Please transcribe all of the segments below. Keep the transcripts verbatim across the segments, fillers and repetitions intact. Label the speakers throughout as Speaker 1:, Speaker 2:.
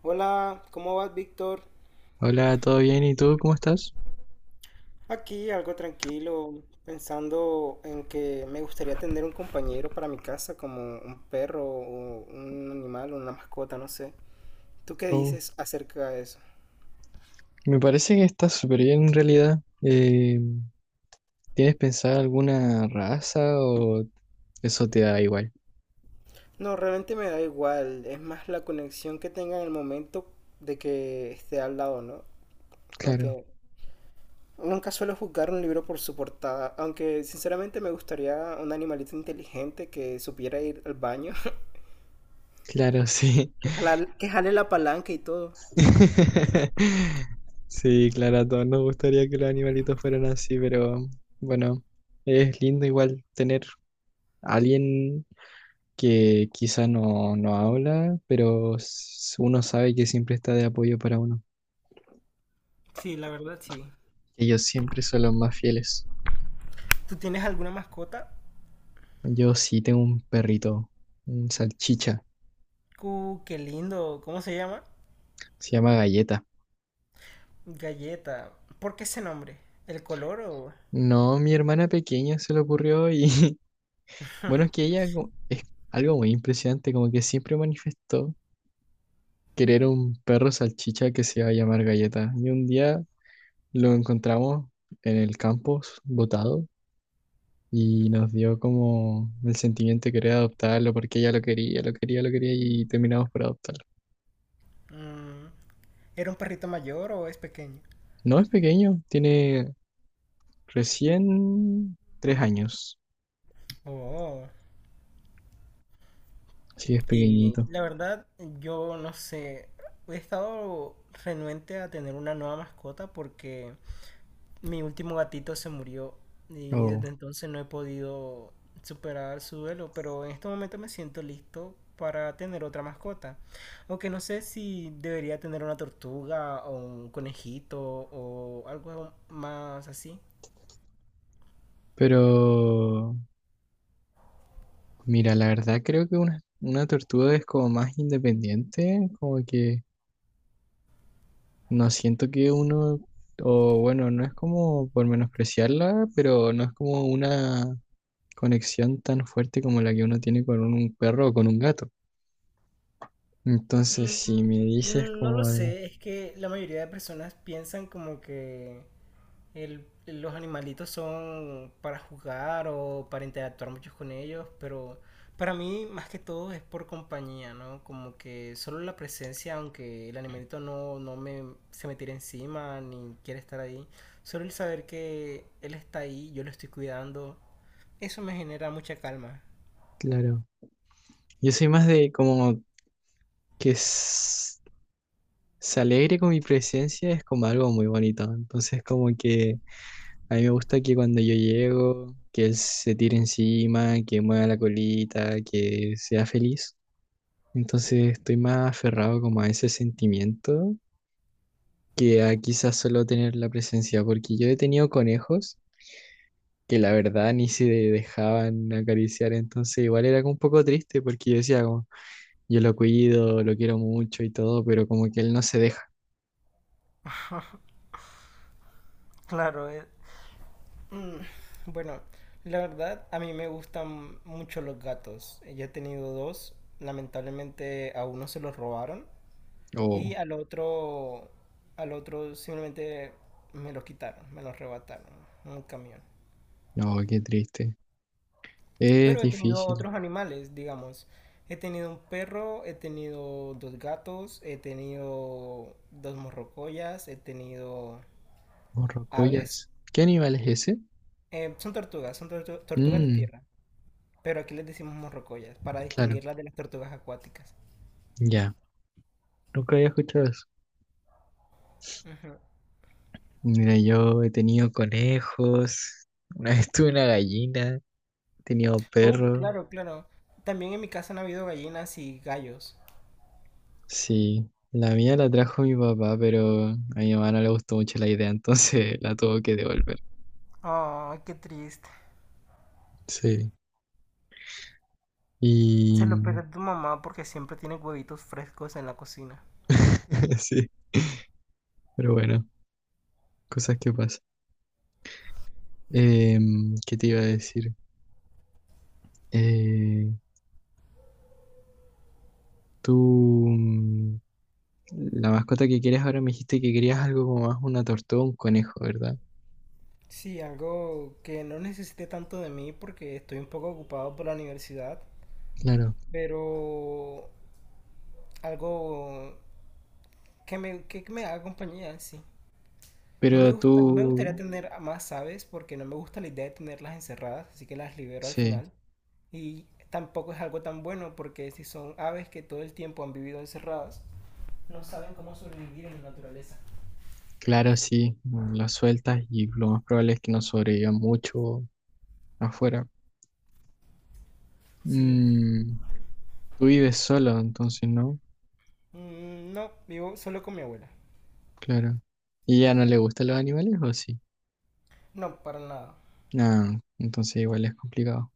Speaker 1: Hola, ¿cómo vas, Víctor?
Speaker 2: Hola, ¿todo bien? ¿Y tú cómo estás?
Speaker 1: Aquí algo tranquilo, pensando en que me gustaría tener un compañero para mi casa, como un perro o un animal o una mascota, no sé. ¿Tú qué
Speaker 2: Oh,
Speaker 1: dices acerca de eso?
Speaker 2: me parece que estás súper bien en realidad. Eh, ¿tienes pensado alguna raza o eso te da igual?
Speaker 1: No, realmente me da igual, es más la conexión que tenga en el momento de que esté al lado, ¿no? Como
Speaker 2: Claro,
Speaker 1: que nunca suelo juzgar un libro por su portada, aunque sinceramente me gustaría un animalito inteligente que supiera ir al baño,
Speaker 2: claro, sí.
Speaker 1: que jalar- que jale la palanca y todo.
Speaker 2: Sí, claro, a todos nos gustaría que los animalitos fueran así, pero bueno, es lindo igual tener a alguien que quizá no, no habla, pero s- uno sabe que siempre está de apoyo para uno.
Speaker 1: Sí, la verdad sí.
Speaker 2: Ellos siempre son los más fieles.
Speaker 1: ¿Tú tienes alguna mascota?
Speaker 2: Yo sí tengo un perrito, un salchicha,
Speaker 1: Uh, qué lindo. ¿Cómo se llama?
Speaker 2: se llama Galleta.
Speaker 1: Galleta. ¿Por qué ese nombre? ¿El color o...?
Speaker 2: No, mi hermana pequeña se le ocurrió y bueno, es que ella co- es algo muy impresionante, como que siempre manifestó querer un perro salchicha que se iba a llamar Galleta. Y un día lo encontramos en el campus, botado, y nos dio como el sentimiento de querer adoptarlo porque ella lo quería, lo quería, lo quería y terminamos por adoptarlo.
Speaker 1: Mm, ¿era un perrito mayor o es pequeño?
Speaker 2: No es pequeño, tiene recién tres años,
Speaker 1: Oh.
Speaker 2: así que es
Speaker 1: Y
Speaker 2: pequeñito.
Speaker 1: la verdad, yo no sé. He estado renuente a tener una nueva mascota porque mi último gatito se murió y
Speaker 2: Oh,
Speaker 1: desde entonces no he podido superar su duelo, pero en este momento me siento listo para tener otra mascota. Aunque no sé si debería tener una tortuga o un conejito o algo más así.
Speaker 2: pero mira, la verdad creo que una, una tortuga es como más independiente, como que no siento que uno, o bueno, no es como por menospreciarla, pero no es como una conexión tan fuerte como la que uno tiene con un perro o con un gato. Entonces, si me dices
Speaker 1: Mm, No lo
Speaker 2: como de,
Speaker 1: sé, es que la mayoría de personas piensan como que El- los animalitos son para jugar o para interactuar mucho con ellos, pero para mí más que todo es por compañía, ¿no? Como que solo la presencia, aunque el animalito no, no me, se me tire encima ni quiere estar ahí, solo el saber que él está ahí, yo lo estoy cuidando, eso me genera mucha calma.
Speaker 2: claro, yo soy más de como que s- se alegre con mi presencia, es como algo muy bonito. Entonces, como que. A mí me gusta que cuando yo llego, que él se tire encima, que mueva la colita, que sea feliz. Entonces estoy más aferrado como a ese sentimiento que a quizás solo tener la presencia, porque yo he tenido conejos que la verdad ni se dejaban acariciar, entonces igual era como un poco triste porque yo decía como, yo lo cuido, lo quiero mucho y todo, pero como que él no se deja.
Speaker 1: Claro, eh, Mm, bueno, la verdad a mí me gustan mucho los gatos. Yo he tenido dos, lamentablemente a uno se los robaron y
Speaker 2: Oh,
Speaker 1: al otro, al otro simplemente me los quitaron, me los arrebataron en un camión.
Speaker 2: no, qué triste. Es
Speaker 1: Pero he tenido
Speaker 2: difícil.
Speaker 1: otros animales, digamos. He tenido un perro, he tenido dos gatos, he tenido dos morrocoyas, he tenido
Speaker 2: Oh,
Speaker 1: aves.
Speaker 2: rocollas. ¿Qué animal es ese?
Speaker 1: Eh, son tortugas, son tortu- tortugas de
Speaker 2: Mm,
Speaker 1: tierra. Pero aquí les decimos morrocoyas para
Speaker 2: claro.
Speaker 1: distinguirlas de las tortugas acuáticas.
Speaker 2: Ya, nunca había escuchado eso.
Speaker 1: Ujú.
Speaker 2: Mira, yo he tenido conejos, una vez tuve una gallina, he tenido
Speaker 1: Oh,
Speaker 2: perros.
Speaker 1: claro, claro. También en mi casa han habido gallinas y gallos.
Speaker 2: Sí, la mía la trajo mi papá, pero a mi mamá no le gustó mucho la idea, entonces la tuvo que devolver.
Speaker 1: Ay, qué triste.
Speaker 2: Sí,
Speaker 1: Se
Speaker 2: y
Speaker 1: lo pierde tu mamá porque siempre tiene huevitos frescos en la cocina.
Speaker 2: sí, pero bueno, cosas que pasan. Em, ¿qué te iba a decir? Eh, tú, mm, la mascota que quieres ahora me dijiste que querías algo como más una tortuga o un conejo, ¿verdad?
Speaker 1: Sí, algo que no necesité tanto de mí porque estoy un poco ocupado por la universidad,
Speaker 2: Claro.
Speaker 1: pero algo que me, que me haga compañía en sí. No me
Speaker 2: Pero
Speaker 1: gusta, no me
Speaker 2: tú
Speaker 1: gustaría tener a más aves porque no me gusta la idea de tenerlas encerradas, así que las libero al
Speaker 2: Sí,
Speaker 1: final. Y tampoco es algo tan bueno porque si son aves que todo el tiempo han vivido encerradas, no saben cómo sobrevivir en la naturaleza.
Speaker 2: claro, sí, lo sueltas y lo más probable es que no sobreviva mucho afuera.
Speaker 1: Sí,
Speaker 2: Mm, Tú vives solo, entonces no,
Speaker 1: Mm, no, vivo solo con mi abuela.
Speaker 2: claro. ¿Y ya no le gustan los animales o sí?
Speaker 1: No, para nada.
Speaker 2: No, entonces igual es complicado.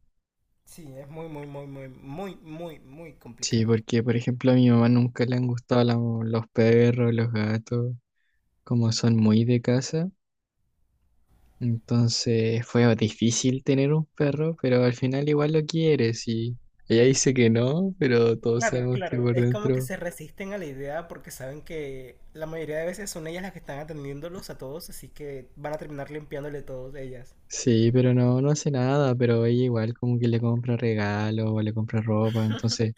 Speaker 1: Sí, es muy, muy, muy, muy, muy, muy, muy
Speaker 2: Sí,
Speaker 1: complicado.
Speaker 2: porque por ejemplo a mi mamá nunca le han gustado la- los perros, los gatos, como son muy de casa. Entonces fue difícil tener un perro, pero al final igual lo quieres y ella dice que no, pero todos
Speaker 1: Claro,
Speaker 2: sabemos que
Speaker 1: claro.
Speaker 2: por
Speaker 1: Es como que
Speaker 2: dentro.
Speaker 1: se resisten a la idea porque saben que la mayoría de veces son ellas las que están atendiéndolos a todos, así que van a terminar limpiándole todos ellas.
Speaker 2: Sí, pero no, no hace nada, pero ella igual como que le compra regalos o le compra ropa, entonces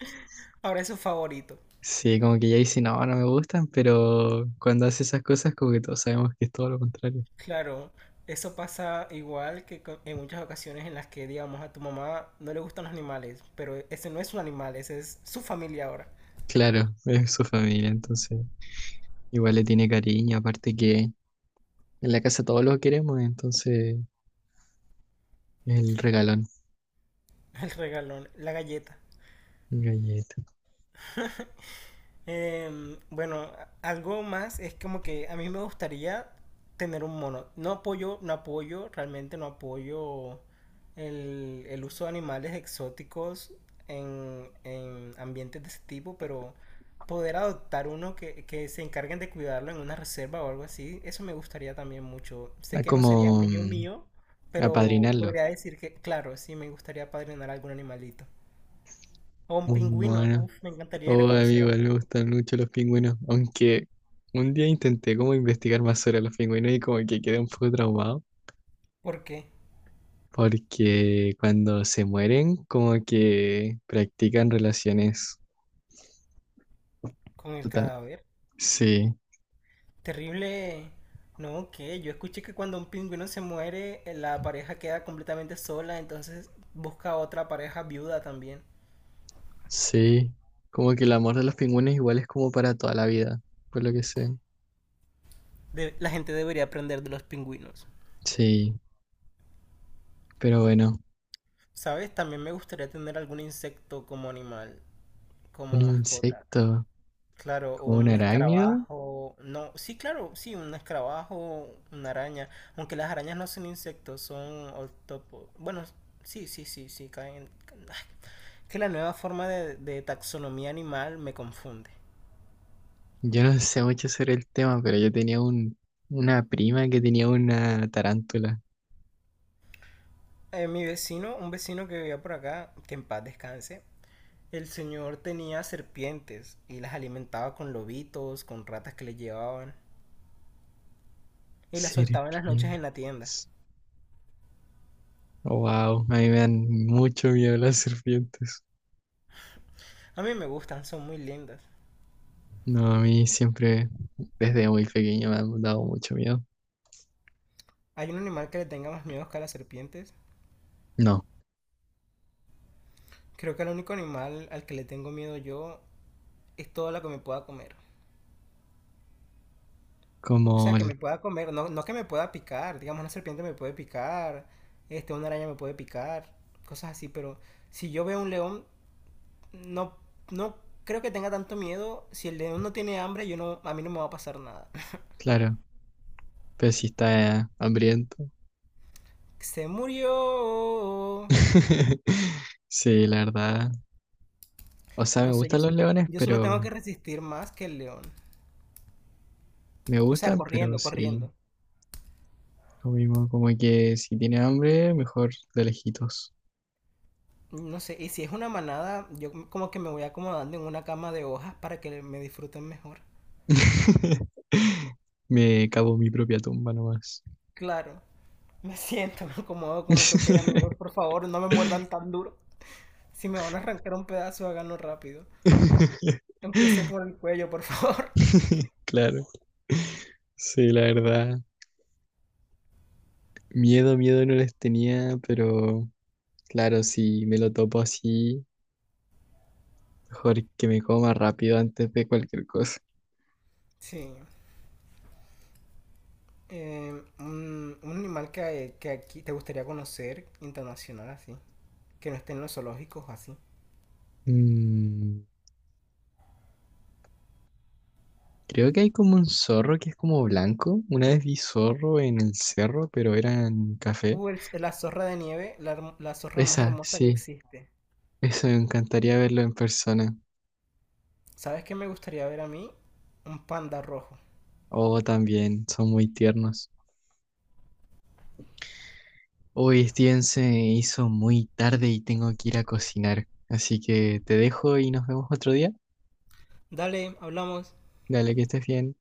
Speaker 1: Ahora es su favorito.
Speaker 2: sí, como que ella dice, no, no me gustan, pero cuando hace esas cosas como que todos sabemos que es todo lo contrario.
Speaker 1: Claro, eso pasa igual que co- en muchas ocasiones en las que, digamos, a tu mamá no le gustan los animales, pero ese no es un animal, ese es su familia ahora.
Speaker 2: Claro, es su familia, entonces igual le tiene cariño, aparte que en la casa todos lo queremos, entonces el regalón,
Speaker 1: El regalón, la galleta.
Speaker 2: galleta,
Speaker 1: Eh, bueno, algo más es como que a mí me gustaría tener un mono. No apoyo, no apoyo, realmente no apoyo el, el uso de animales exóticos en, en ambientes de ese tipo, pero poder adoptar uno que, que se encarguen de cuidarlo en una reserva o algo así, eso me gustaría también mucho. Sé
Speaker 2: ah,
Speaker 1: que no sería
Speaker 2: como
Speaker 1: mío
Speaker 2: mm,
Speaker 1: mío, pero
Speaker 2: apadrinarlo,
Speaker 1: podría decir que, claro, sí me gustaría padrinar algún animalito. O un
Speaker 2: un
Speaker 1: pingüino,
Speaker 2: mono.
Speaker 1: uf, me encantaría ir a
Speaker 2: Oh,
Speaker 1: conocer a
Speaker 2: amigo,
Speaker 1: los
Speaker 2: me
Speaker 1: pingüinos.
Speaker 2: gustan mucho los pingüinos, aunque un día intenté como investigar más sobre los pingüinos y como que quedé un poco traumado,
Speaker 1: ¿Por qué?
Speaker 2: porque cuando se mueren como que practican relaciones.
Speaker 1: Con el
Speaker 2: total-
Speaker 1: cadáver.
Speaker 2: Sí,
Speaker 1: Terrible. No, que yo escuché que cuando un pingüino se muere, eh, la pareja queda completamente sola, entonces busca otra pareja viuda también.
Speaker 2: sí, como que el amor de los pingüinos igual es como para toda la vida, por lo que sé.
Speaker 1: De- la gente debería aprender de los pingüinos.
Speaker 2: Sí, pero bueno,
Speaker 1: ¿Sabes? También me gustaría tener algún insecto como animal, como
Speaker 2: un
Speaker 1: mascota.
Speaker 2: insecto
Speaker 1: Claro, o
Speaker 2: como un
Speaker 1: un
Speaker 2: arácnido,
Speaker 1: escarabajo. No, sí, claro, sí, un escarabajo, una araña. Aunque las arañas no son insectos, son octopo. Bueno, sí, sí, sí, sí, caen. Ay, que la nueva forma de, de taxonomía animal me confunde.
Speaker 2: yo no sé mucho sobre el tema, pero yo tenía un, una prima que tenía una tarántula.
Speaker 1: Eh, mi vecino, un vecino que vivía por acá, que en paz descanse, el señor tenía serpientes y las alimentaba con lobitos, con ratas que le llevaban y las soltaba en las noches en la tienda.
Speaker 2: Serpientes. Wow, a mí me dan mucho miedo las serpientes.
Speaker 1: A mí me gustan, son muy lindas.
Speaker 2: No, a mí siempre, desde muy pequeño, me han dado mucho miedo.
Speaker 1: ¿Hay un animal que le tenga más miedo que a las serpientes?
Speaker 2: No,
Speaker 1: Creo que el único animal al que le tengo miedo yo es todo lo que me pueda comer. O
Speaker 2: como,
Speaker 1: sea, que me
Speaker 2: el-
Speaker 1: pueda comer, no, no que me pueda picar. Digamos, una serpiente me puede picar, este, una araña me puede picar, cosas así. Pero si yo veo un león, no, no creo que tenga tanto miedo. Si el león no tiene hambre, yo no, a mí no me va a pasar nada.
Speaker 2: claro, pero si está hambriento.
Speaker 1: Se murió.
Speaker 2: Sí, la verdad. O sea, me
Speaker 1: No sé, yo,
Speaker 2: gustan los
Speaker 1: sol-
Speaker 2: leones,
Speaker 1: yo solo tengo que
Speaker 2: pero
Speaker 1: resistir más que el león.
Speaker 2: me
Speaker 1: O sea,
Speaker 2: gustan, pero
Speaker 1: corriendo,
Speaker 2: sí,
Speaker 1: corriendo.
Speaker 2: lo mismo, como que si tiene hambre, mejor de lejitos.
Speaker 1: No sé, y si es una manada, yo como que me voy acomodando en una cama de hojas para que me disfruten mejor.
Speaker 2: Me cavo mi propia tumba nomás.
Speaker 1: Claro, me siento, me acomodo como que, ok, amigos, por favor, no me muerdan tan duro. Si me van a arrancar un pedazo, háganlo rápido. Empiece por el cuello, por favor.
Speaker 2: Claro. Sí, la verdad. Miedo, miedo no les tenía, pero claro, si me lo topo así, mejor que me coma rápido antes de cualquier cosa.
Speaker 1: Sí. eh, un, un animal que, que aquí te gustaría conocer internacional así, que no esté en los zoológicos así.
Speaker 2: Mm, Creo que hay como un zorro que es como blanco. Una vez vi zorro en el cerro, pero era en café.
Speaker 1: Uh, el- la zorra de nieve, la, herm- la zorra más
Speaker 2: Esa,
Speaker 1: hermosa que
Speaker 2: sí,
Speaker 1: existe.
Speaker 2: eso me encantaría verlo en persona.
Speaker 1: ¿Sabes qué me gustaría ver a mí? Un panda rojo.
Speaker 2: Oh, también, son muy tiernos. Hoy Steven se hizo muy tarde y tengo que ir a cocinar, así que te dejo y nos vemos otro día.
Speaker 1: Dale, hablamos.
Speaker 2: Dale, que estés bien.